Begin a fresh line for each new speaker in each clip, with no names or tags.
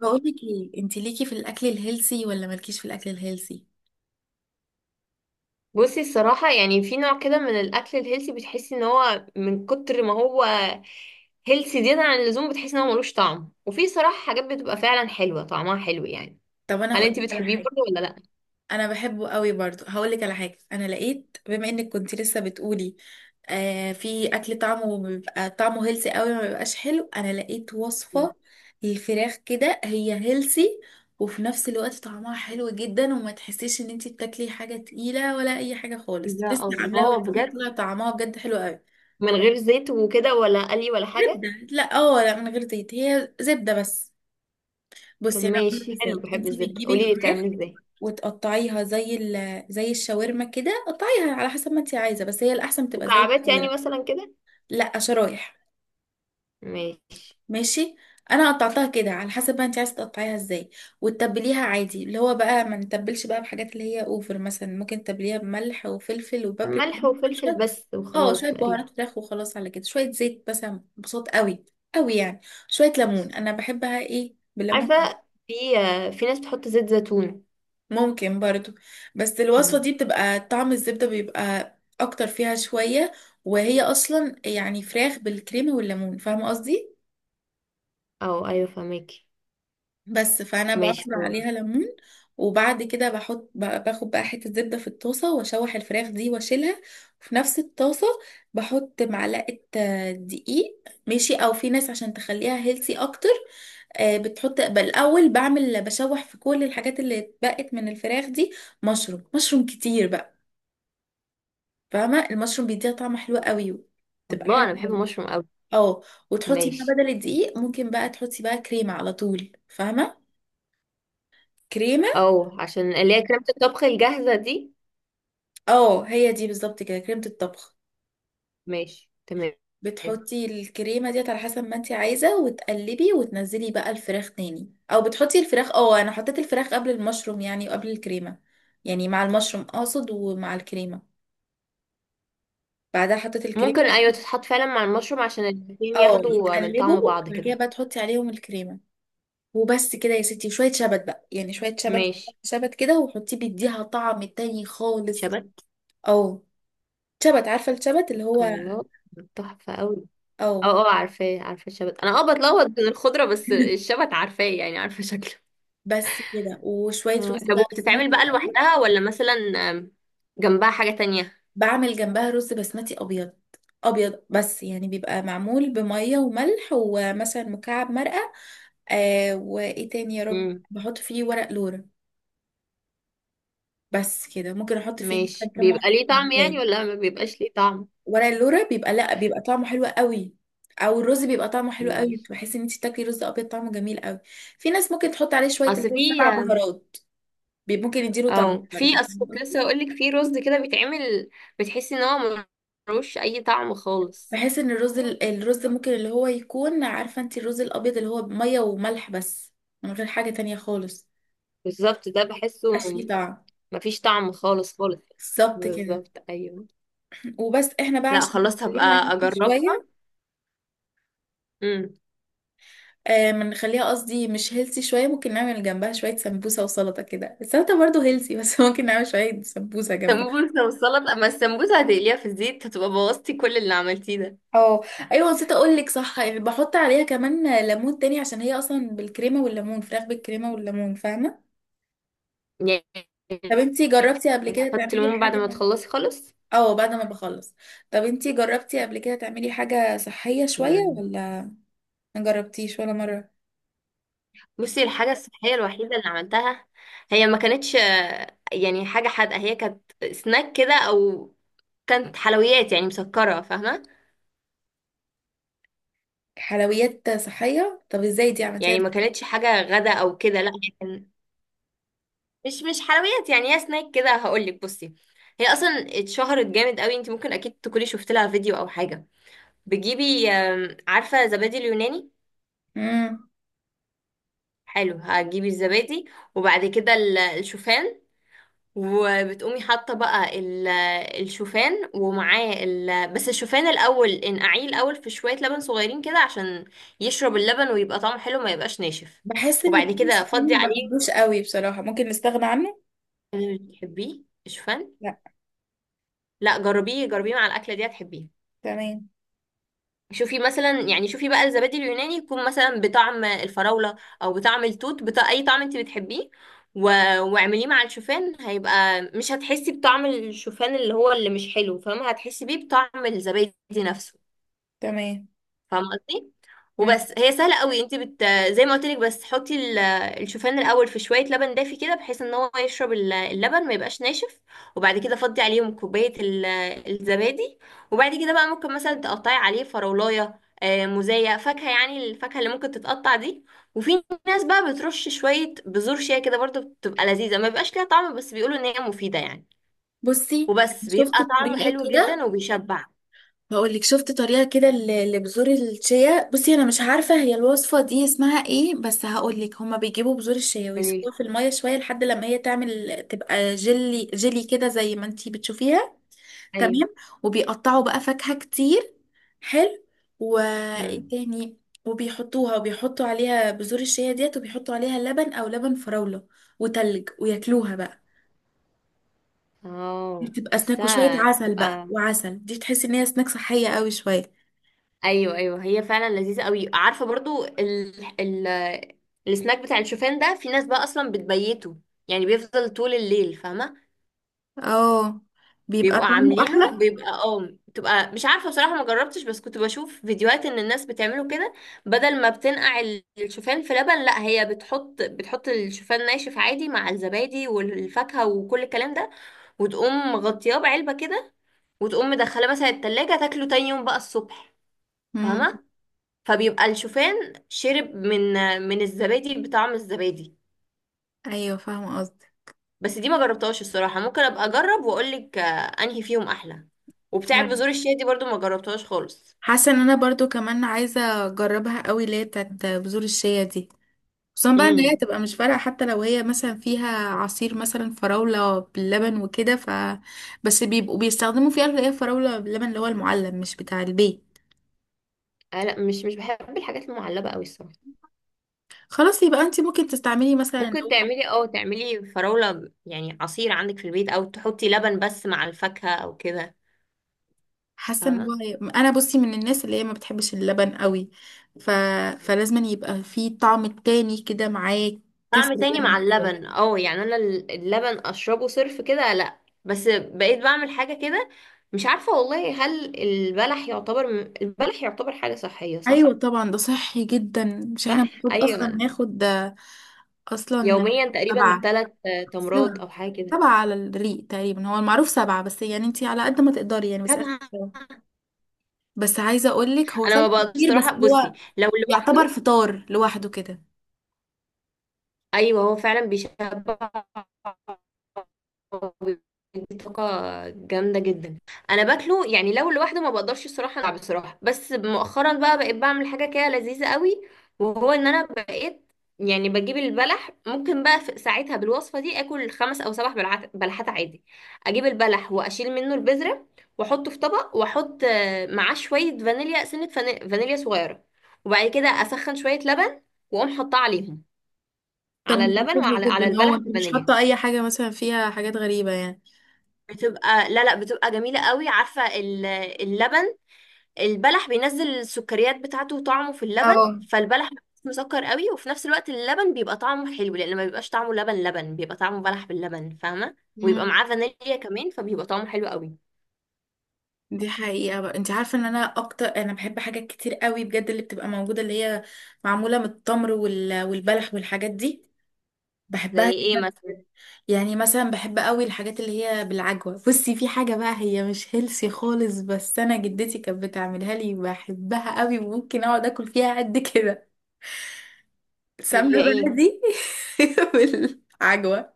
بقول لك ايه، انت ليكي في الاكل الهيلثي ولا مالكيش في الاكل الهيلثي؟
بصي، الصراحة يعني في نوع كده من الأكل الهيلثي بتحسي ان هو من كتر ما هو هيلثي زيادة عن اللزوم بتحسي ان هو ملوش طعم. وفي صراحة حاجات بتبقى فعلا حلوة طعمها حلو يعني.
طب انا
هل
هقول
انتي
لك على
بتحبيه
حاجه.
برضه ولا لأ؟
انا بحبه قوي برضو، هقول لك على حاجه. انا لقيت، بما انك كنت لسه بتقولي، آه، في اكل طعمه بيبقى طعمه هيلثي قوي ما بيبقاش حلو. انا لقيت
مم.
وصفه للفراخ كده، هي هيلثي وفي نفس الوقت طعمها حلو جدا، وما تحسيش ان انت بتاكلي حاجه تقيله ولا اي حاجه خالص.
يا
لسه عاملاها
الله بجد.
وطلع طعمها بجد حلو قوي.
من غير زيت وكده ولا قلي ولا حاجة؟
زبده، لا، لا، من غير زيت، هي زبده بس.
طب
بصي، انا قلت
ماشي حلو،
ازاي انت
بحب الزبدة،
بتجيبي
قوليلي
الفراخ،
بتعمليه ازاي.
وتقطعيها زي الشاورما كده. قطعيها على حسب ما انت عايزه، بس هي الاحسن بتبقى زي
مكعبات يعني
الشاورما.
مثلا كده؟
لا، شرايح.
ماشي.
ماشي. انا قطعتها كده على حسب ما انت عايزه تقطعيها ازاي، وتتبليها عادي. اللي هو بقى ما نتبلش بقى بحاجات اللي هي اوفر، مثلا ممكن تتبليها بملح وفلفل وبابريكا
ملح
مثلا
وفلفل
شويه.
بس
اه،
وخلاص
شويه
تقريبا.
بهارات فراخ وخلاص. على كده شويه زيت مثلا، بصوت قوي قوي يعني، شويه ليمون، انا بحبها ايه بالليمون.
عارفة، في ناس بتحط زيت زيتون.
ممكن برضو، بس الوصفة
مم.
دي بتبقى طعم الزبدة بيبقى أكتر فيها شوية. وهي أصلا يعني فراخ بالكريمة والليمون، فاهمة قصدي؟
او ايوه فهماكي.
بس فأنا
ماشي
بعصر عليها
خلاص.
ليمون. وبعد كده بحط باخد بقى حتة زبدة في الطاسة، وأشوح الفراخ دي وأشيلها. وفي نفس الطاسة بحط معلقة دقيق. ماشي، أو في ناس عشان تخليها هيلسي أكتر. بتحط بالأول، بعمل بشوح في كل الحاجات اللي اتبقت من الفراخ دي. مشروم، مشروم كتير بقى، فاهمه؟ المشروم بيديها طعم حلو قوي، تبقى
الله،
حلو
انا بحب
قوي.
المشروم قوي.
اه، وتحطي بقى
ماشي.
بدل الدقيق، ممكن بقى تحطي بقى كريمه على طول، فاهمه؟ كريمه.
او عشان اللي هي كريمة الطبخ الجاهزة دي.
اه، هي دي بالظبط كده، كريمه الطبخ.
ماشي تمام.
بتحطي الكريمه ديت على حسب ما انت عايزه، وتقلبي وتنزلي بقى الفراخ تاني. او بتحطي الفراخ، اه انا حطيت الفراخ قبل المشروم يعني، وقبل الكريمه. يعني مع المشروم اقصد، ومع الكريمه. بعدها حطيت الكريمه.
ممكن ايوه تتحط فعلا مع المشروم عشان الاتنين
اه،
ياخدوا من
يتقلبوا،
طعم بعض
بعد كده
كده.
بقى تحطي عليهم الكريمه، وبس كده يا ستي. شوية شبت بقى، يعني شوية شبت.
ماشي.
شبت كده، وحطيه بيديها طعم تاني خالص.
شبت.
او. شبت، عارفة الشبت اللي هو.
الله، تحفة قوي. اه
او.
اه عارفاه، عارفة الشبت، انا بتلخبط بين الخضرة بس الشبت عارفاه، يعني عارفة شكله.
بس كده وشوية
اه،
رز
طب
بقى بسمتي
وبتتعمل بقى
أبيض.
لوحدها ولا مثلا آم، جنبها حاجة تانية؟
بعمل جنبها رز بسمتي أبيض. أبيض بس، يعني بيبقى معمول بمية وملح، ومثلا مكعب مرقة، آه، وإيه تاني يا رب،
امم.
بحط فيه ورق لورا. بس كده، ممكن أحط فيه مثلا
ماشي.
كام
بيبقى
واحدة
ليه طعم يعني
حبهان.
ولا ما بيبقاش ليه طعم؟
ورق اللورا بيبقى، لا بيبقى طعمه حلو قوي. او الرز بيبقى طعمه حلو قوي،
ماشي.
بحس ان انت تاكلي رز ابيض طعمه جميل قوي. في ناس ممكن تحط عليه شويه اللي
اصل
هو
في
سبع بهارات. ممكن يديله طعم
اه
برضه.
في اصل كنت لسه هقولك في رز كده بيتعمل بتحسي ان هو ملوش اي طعم خالص.
بحس ان الرز الرز ممكن، اللي هو يكون، عارفه انت الرز الابيض اللي هو ميه وملح بس، من غير حاجه تانية خالص،
بالظبط، ده بحسه
مبقاش ليه طعم.
مفيش طعم خالص خالص.
بالظبط كده.
بالظبط ايوه.
وبس احنا بقى
لا
عشان
خلاص
نخليها
هبقى اجربها.
شويه،
امم.
آه، ما نخليها قصدي مش هيلسي شوية، ممكن نعمل جنبها شوية سمبوسة وسلطة كده. السلطة برضو هيلسي بس ممكن نعمل شوية سمبوسة جنبها.
سمبوسه والسلطه، اما السمبوسه هتقليها في الزيت هتبقى بوظتي كل اللي عملتيه ده
اه ايوه، نسيت اقول لك صح، يعني بحط عليها كمان ليمون تاني، عشان هي اصلا بالكريمة والليمون، فراخ بالكريمة والليمون، فاهمة؟
يعني.
طب انتي جربتي قبل كده
تحطي
تعملي
ليمون بعد ما
حاجة؟
تخلصي خالص.
اه، بعد ما بخلص. طب انتي جربتي قبل كده تعملي حاجة صحية شوية
مم.
ولا ما جربتيش ولا مرة؟
بصي، الحاجة الصحية الوحيدة اللي عملتها هي ما كانتش يعني حاجة حادقة، هي كانت سناك كده أو كانت حلويات يعني مسكرة، فاهمة؟
حلويات صحية؟ طب ازاي دي عملتيها؟
يعني ما كانتش حاجة غدا أو كده، لا هي كان مش حلويات يعني، هي سناك كده، هقولك بصي. هي أصلا اتشهرت جامد قوي، انت ممكن أكيد تكوني شفت لها فيديو أو حاجة. بتجيبي عارفة زبادي اليوناني؟
امم.
حلو، هتجيبي الزبادي وبعد كده الشوفان، وبتقومي حاطه بقى الشوفان ومعاه بس الشوفان الاول انقعيه الاول في شويه لبن صغيرين كده عشان يشرب اللبن ويبقى طعمه حلو ما يبقاش ناشف.
بحس ان
وبعد
التون
كده
الموسيقي
فضي
ما
عليه.
بحبوش قوي بصراحة، ممكن نستغنى عنه.
تحبيه الشوفان؟
لا.
لا جربيه جربيه مع الاكله دي هتحبيه.
تمام،
شوفي مثلا، يعني شوفي بقى الزبادي اليوناني يكون مثلا بطعم الفراولة او بطعم التوت بتاع اي طعم انت بتحبيه و... واعمليه مع الشوفان. هيبقى مش هتحسي بطعم الشوفان اللي هو اللي مش حلو، فاهمة؟ هتحسي بيه بطعم الزبادي نفسه.
تمام.
فاهمه قصدي؟
مم.
وبس، هي سهله قوي. انت بت، زي ما قلت لك، بس حطي الشوفان الاول في شويه لبن دافي كده بحيث ان هو يشرب اللبن ما يبقاش ناشف. وبعد كده فضي عليهم كوبايه الزبادي. وبعد كده بقى ممكن مثلا تقطعي عليه فراولايه موزايه، فاكهه، يعني الفاكهه اللي ممكن تتقطع دي. وفي ناس بقى بترش شويه بذور شيا كده برضو، بتبقى لذيذه ما بيبقاش ليها طعم بس بيقولوا ان هي مفيده يعني.
بصي،
وبس
شفت
بيبقى طعمه
طريقة
حلو
كده،
جدا وبيشبع.
هقول لك شفت طريقة كده لبذور الشيا. بصي، انا مش عارفة هي الوصفة دي اسمها ايه، بس هقول لك. هما بيجيبوا بذور الشيا ويسيبوها
يعني
في المية شوية، لحد لما هي تعمل، تبقى جلي جيلي كده زي ما انتي بتشوفيها.
ايوه.
تمام. وبيقطعوا بقى فاكهة كتير. حلو. وايه
مم.
تاني؟ وبيحطوها، وبيحطوا عليها بذور الشيا ديت، وبيحطوا عليها لبن او لبن فراولة وتلج، وياكلوها بقى. دي
اه،
بتبقى سناك، وشوية
حاساها
عسل بقى،
تبقى.
وعسل دي تحس ان هي سناك صحية قوي شوية.
ايوه ايوه هي فعلا لذيذه قوي. عارفه برضو ال... السناك بتاع الشوفان ده في ناس بقى اصلا بتبيته، يعني بيفضل طول الليل، فاهمه؟
اه، بيبقى
بيبقوا
طعمه
عاملينه
احلى.
بيبقى اه، بتبقى مش عارفه بصراحه، ما جربتش، بس كنت بشوف فيديوهات ان الناس بتعمله كده. بدل ما بتنقع الشوفان في لبن، لا هي بتحط الشوفان ناشف عادي مع الزبادي والفاكهه وكل الكلام ده، وتقوم مغطياه بعلبه كده وتقوم مدخله مثلا التلاجة تاكله تاني يوم بقى الصبح،
امم.
فاهمة؟ فبيبقى الشوفان شرب من الزبادي بطعم الزبادي.
ايوه فاهمة قصدي.
بس دي ما جربتهاش الصراحة، ممكن ابقى اجرب واقولك انهي فيهم احلى. وبتاع
فاهمة.
بذور الشيا دي برضو ما جربتهاش خالص.
حاسة ان انا برضو كمان عايزة اجربها قوي، اللي هي بتاعت بذور الشيا دي. خصوصا بقى ان هي
امم.
تبقى مش فارقة حتى لو هي مثلا فيها عصير مثلا فراولة باللبن وكده. ف بس بيبقوا بيستخدموا فيها اللي هي فراولة باللبن، اللي هو المعلب مش بتاع البيت.
آه لا، مش بحب الحاجات المعلبة قوي الصراحة.
خلاص، يبقى انت ممكن تستعملي مثلا
ممكن
لو.
تعملي تعملي فراولة يعني عصير عندك في البيت او تحطي لبن بس مع الفاكهة او كده،
حاسة ان
فاهمة؟
هو، انا بصي من الناس اللي هي ما بتحبش اللبن قوي. ف... فلازم يبقى فيه طعم تاني كده معاه. كسر
طعم تاني مع
اللبن.
اللبن. اه يعني انا اللبن اشربه صرف كده، لا. بس بقيت بعمل حاجة كده. مش عارفة والله هل البلح يعتبر، البلح يعتبر حاجة صحية
ايوه
صح؟
طبعا، ده صحي جدا، مش احنا
صح
المفروض اصلا
ايوه.
ناخد ده اصلا.
يوميا تقريبا
سبعة.
ثلاث تمرات
سبعة.
او حاجة كده.
سبعة على الريق تقريبا هو المعروف، سبعة، بس يعني انتي على قد ما تقدري، يعني بس آخر
طبعا.
سبعة. بس عايزة اقولك هو
انا
سبعة
ما بقدرش
كتير، بس
الصراحة، بصي
هو
لو
يعتبر
لوحده.
فطار لوحده كده.
ايوه هو فعلا بيشبع وبيدي طاقة جامدة جدا. انا باكله يعني لو لوحده ما بقدرش الصراحة ألعب بصراحة، بس مؤخرا بقى بقيت بعمل حاجة كده لذيذة قوي. وهو ان انا بقيت يعني بجيب البلح، ممكن بقى في ساعتها بالوصفة دي اكل خمس او سبع بلحات عادي. اجيب البلح واشيل منه البذرة واحطه في طبق واحط معاه شوية فانيليا، سنة فانيليا صغيرة. وبعد كده اسخن شوية لبن واقوم حاطاه عليهم،
طب
على
ما ده
اللبن،
صحي
وعلى
جدا، هو
البلح
انت مش
بالفانيليا.
حاطة اي حاجة مثلا فيها حاجات غريبة يعني.
بتبقى لا لا، بتبقى جميلة قوي. عارفة اللبن، البلح بينزل السكريات بتاعته وطعمه في
اه.
اللبن، فالبلح مسكر قوي وفي نفس الوقت اللبن بيبقى طعمه حلو لان ما بيبقاش طعمه لبن لبن، بيبقى طعمه بلح باللبن، فاهمة؟ ويبقى
مم.
معاه فانيليا كمان فبيبقى طعمه حلو قوي.
دي حقيقة بقى، انت عارفة ان انا اكتر، انا بحب حاجات كتير قوي بجد، اللي بتبقى موجودة اللي هي معمولة من التمر، والبلح والحاجات دي، بحبها
زي ايه
جدا
مثلا؟
بجد. يعني مثلا بحب قوي الحاجات اللي هي بالعجوة. بصي، في حاجة بقى هي مش هيلسي خالص، بس انا جدتي كانت بتعملها لي بحبها قوي، وممكن اقعد اكل فيها قد كده.
هي
سمنة
ايه؟
بلدي بالعجوة،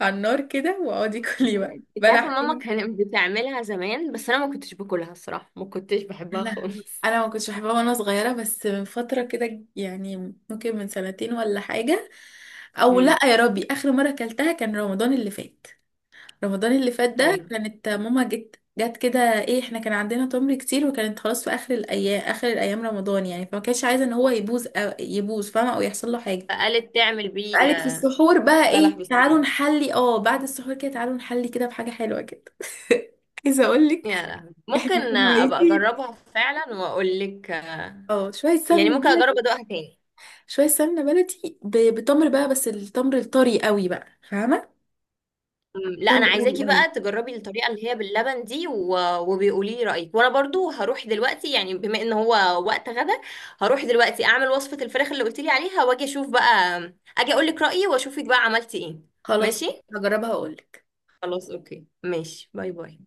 على النار كده، واقعدي كلي بقى
انت عارفة
بلح
ماما
كده.
كانت بتعملها زمان بس انا ما كنتش باكلها الصراحة، ما كنتش
يا
بحبها
لهوي،
خالص.
انا ما كنتش بحبها وانا صغيرة، بس من فترة كده يعني، ممكن من سنتين ولا حاجة. او
امم.
لا، يا ربي، اخر مرة اكلتها كان رمضان اللي فات. رمضان اللي فات ده،
ايوه.
كانت ماما جت كده، ايه، احنا كان عندنا تمر كتير، وكانت خلاص في اخر الايام رمضان يعني، فما كانتش عايزه ان هو يبوظ، أو يبوظ فاهمه، او يحصل له حاجه.
فقالت تعمل بيه؟
قالت في السحور بقى،
بلح
ايه،
بالصوص.
تعالوا نحلي، اه بعد السحور كده تعالوا نحلي كده بحاجه حلوه كده. عايزه اقول لك،
يا لهوي
احنا
ممكن
كنا
ابقى
ميتين.
اجربها فعلا واقول لك.
اه، شويه
يعني
سمنه
ممكن اجرب
بلدي.
ادوقها تاني.
شويه سمنه بلدي بتمر بقى، بس التمر الطري قوي بقى، فاهمه؟
لا انا
طري قوي
عايزاكي
قوي.
بقى تجربي الطريقه اللي هي باللبن دي وبيقولي لي رايك. وانا برضو هروح دلوقتي، يعني بما ان هو وقت غدا هروح دلوقتي اعمل وصفه الفراخ اللي قلت لي عليها واجي اشوف بقى، اجي اقول لك رايي واشوفك بقى عملتي ايه.
خلاص،
ماشي.
هجربها اقول لك.
خلاص اوكي ماشي، باي باي.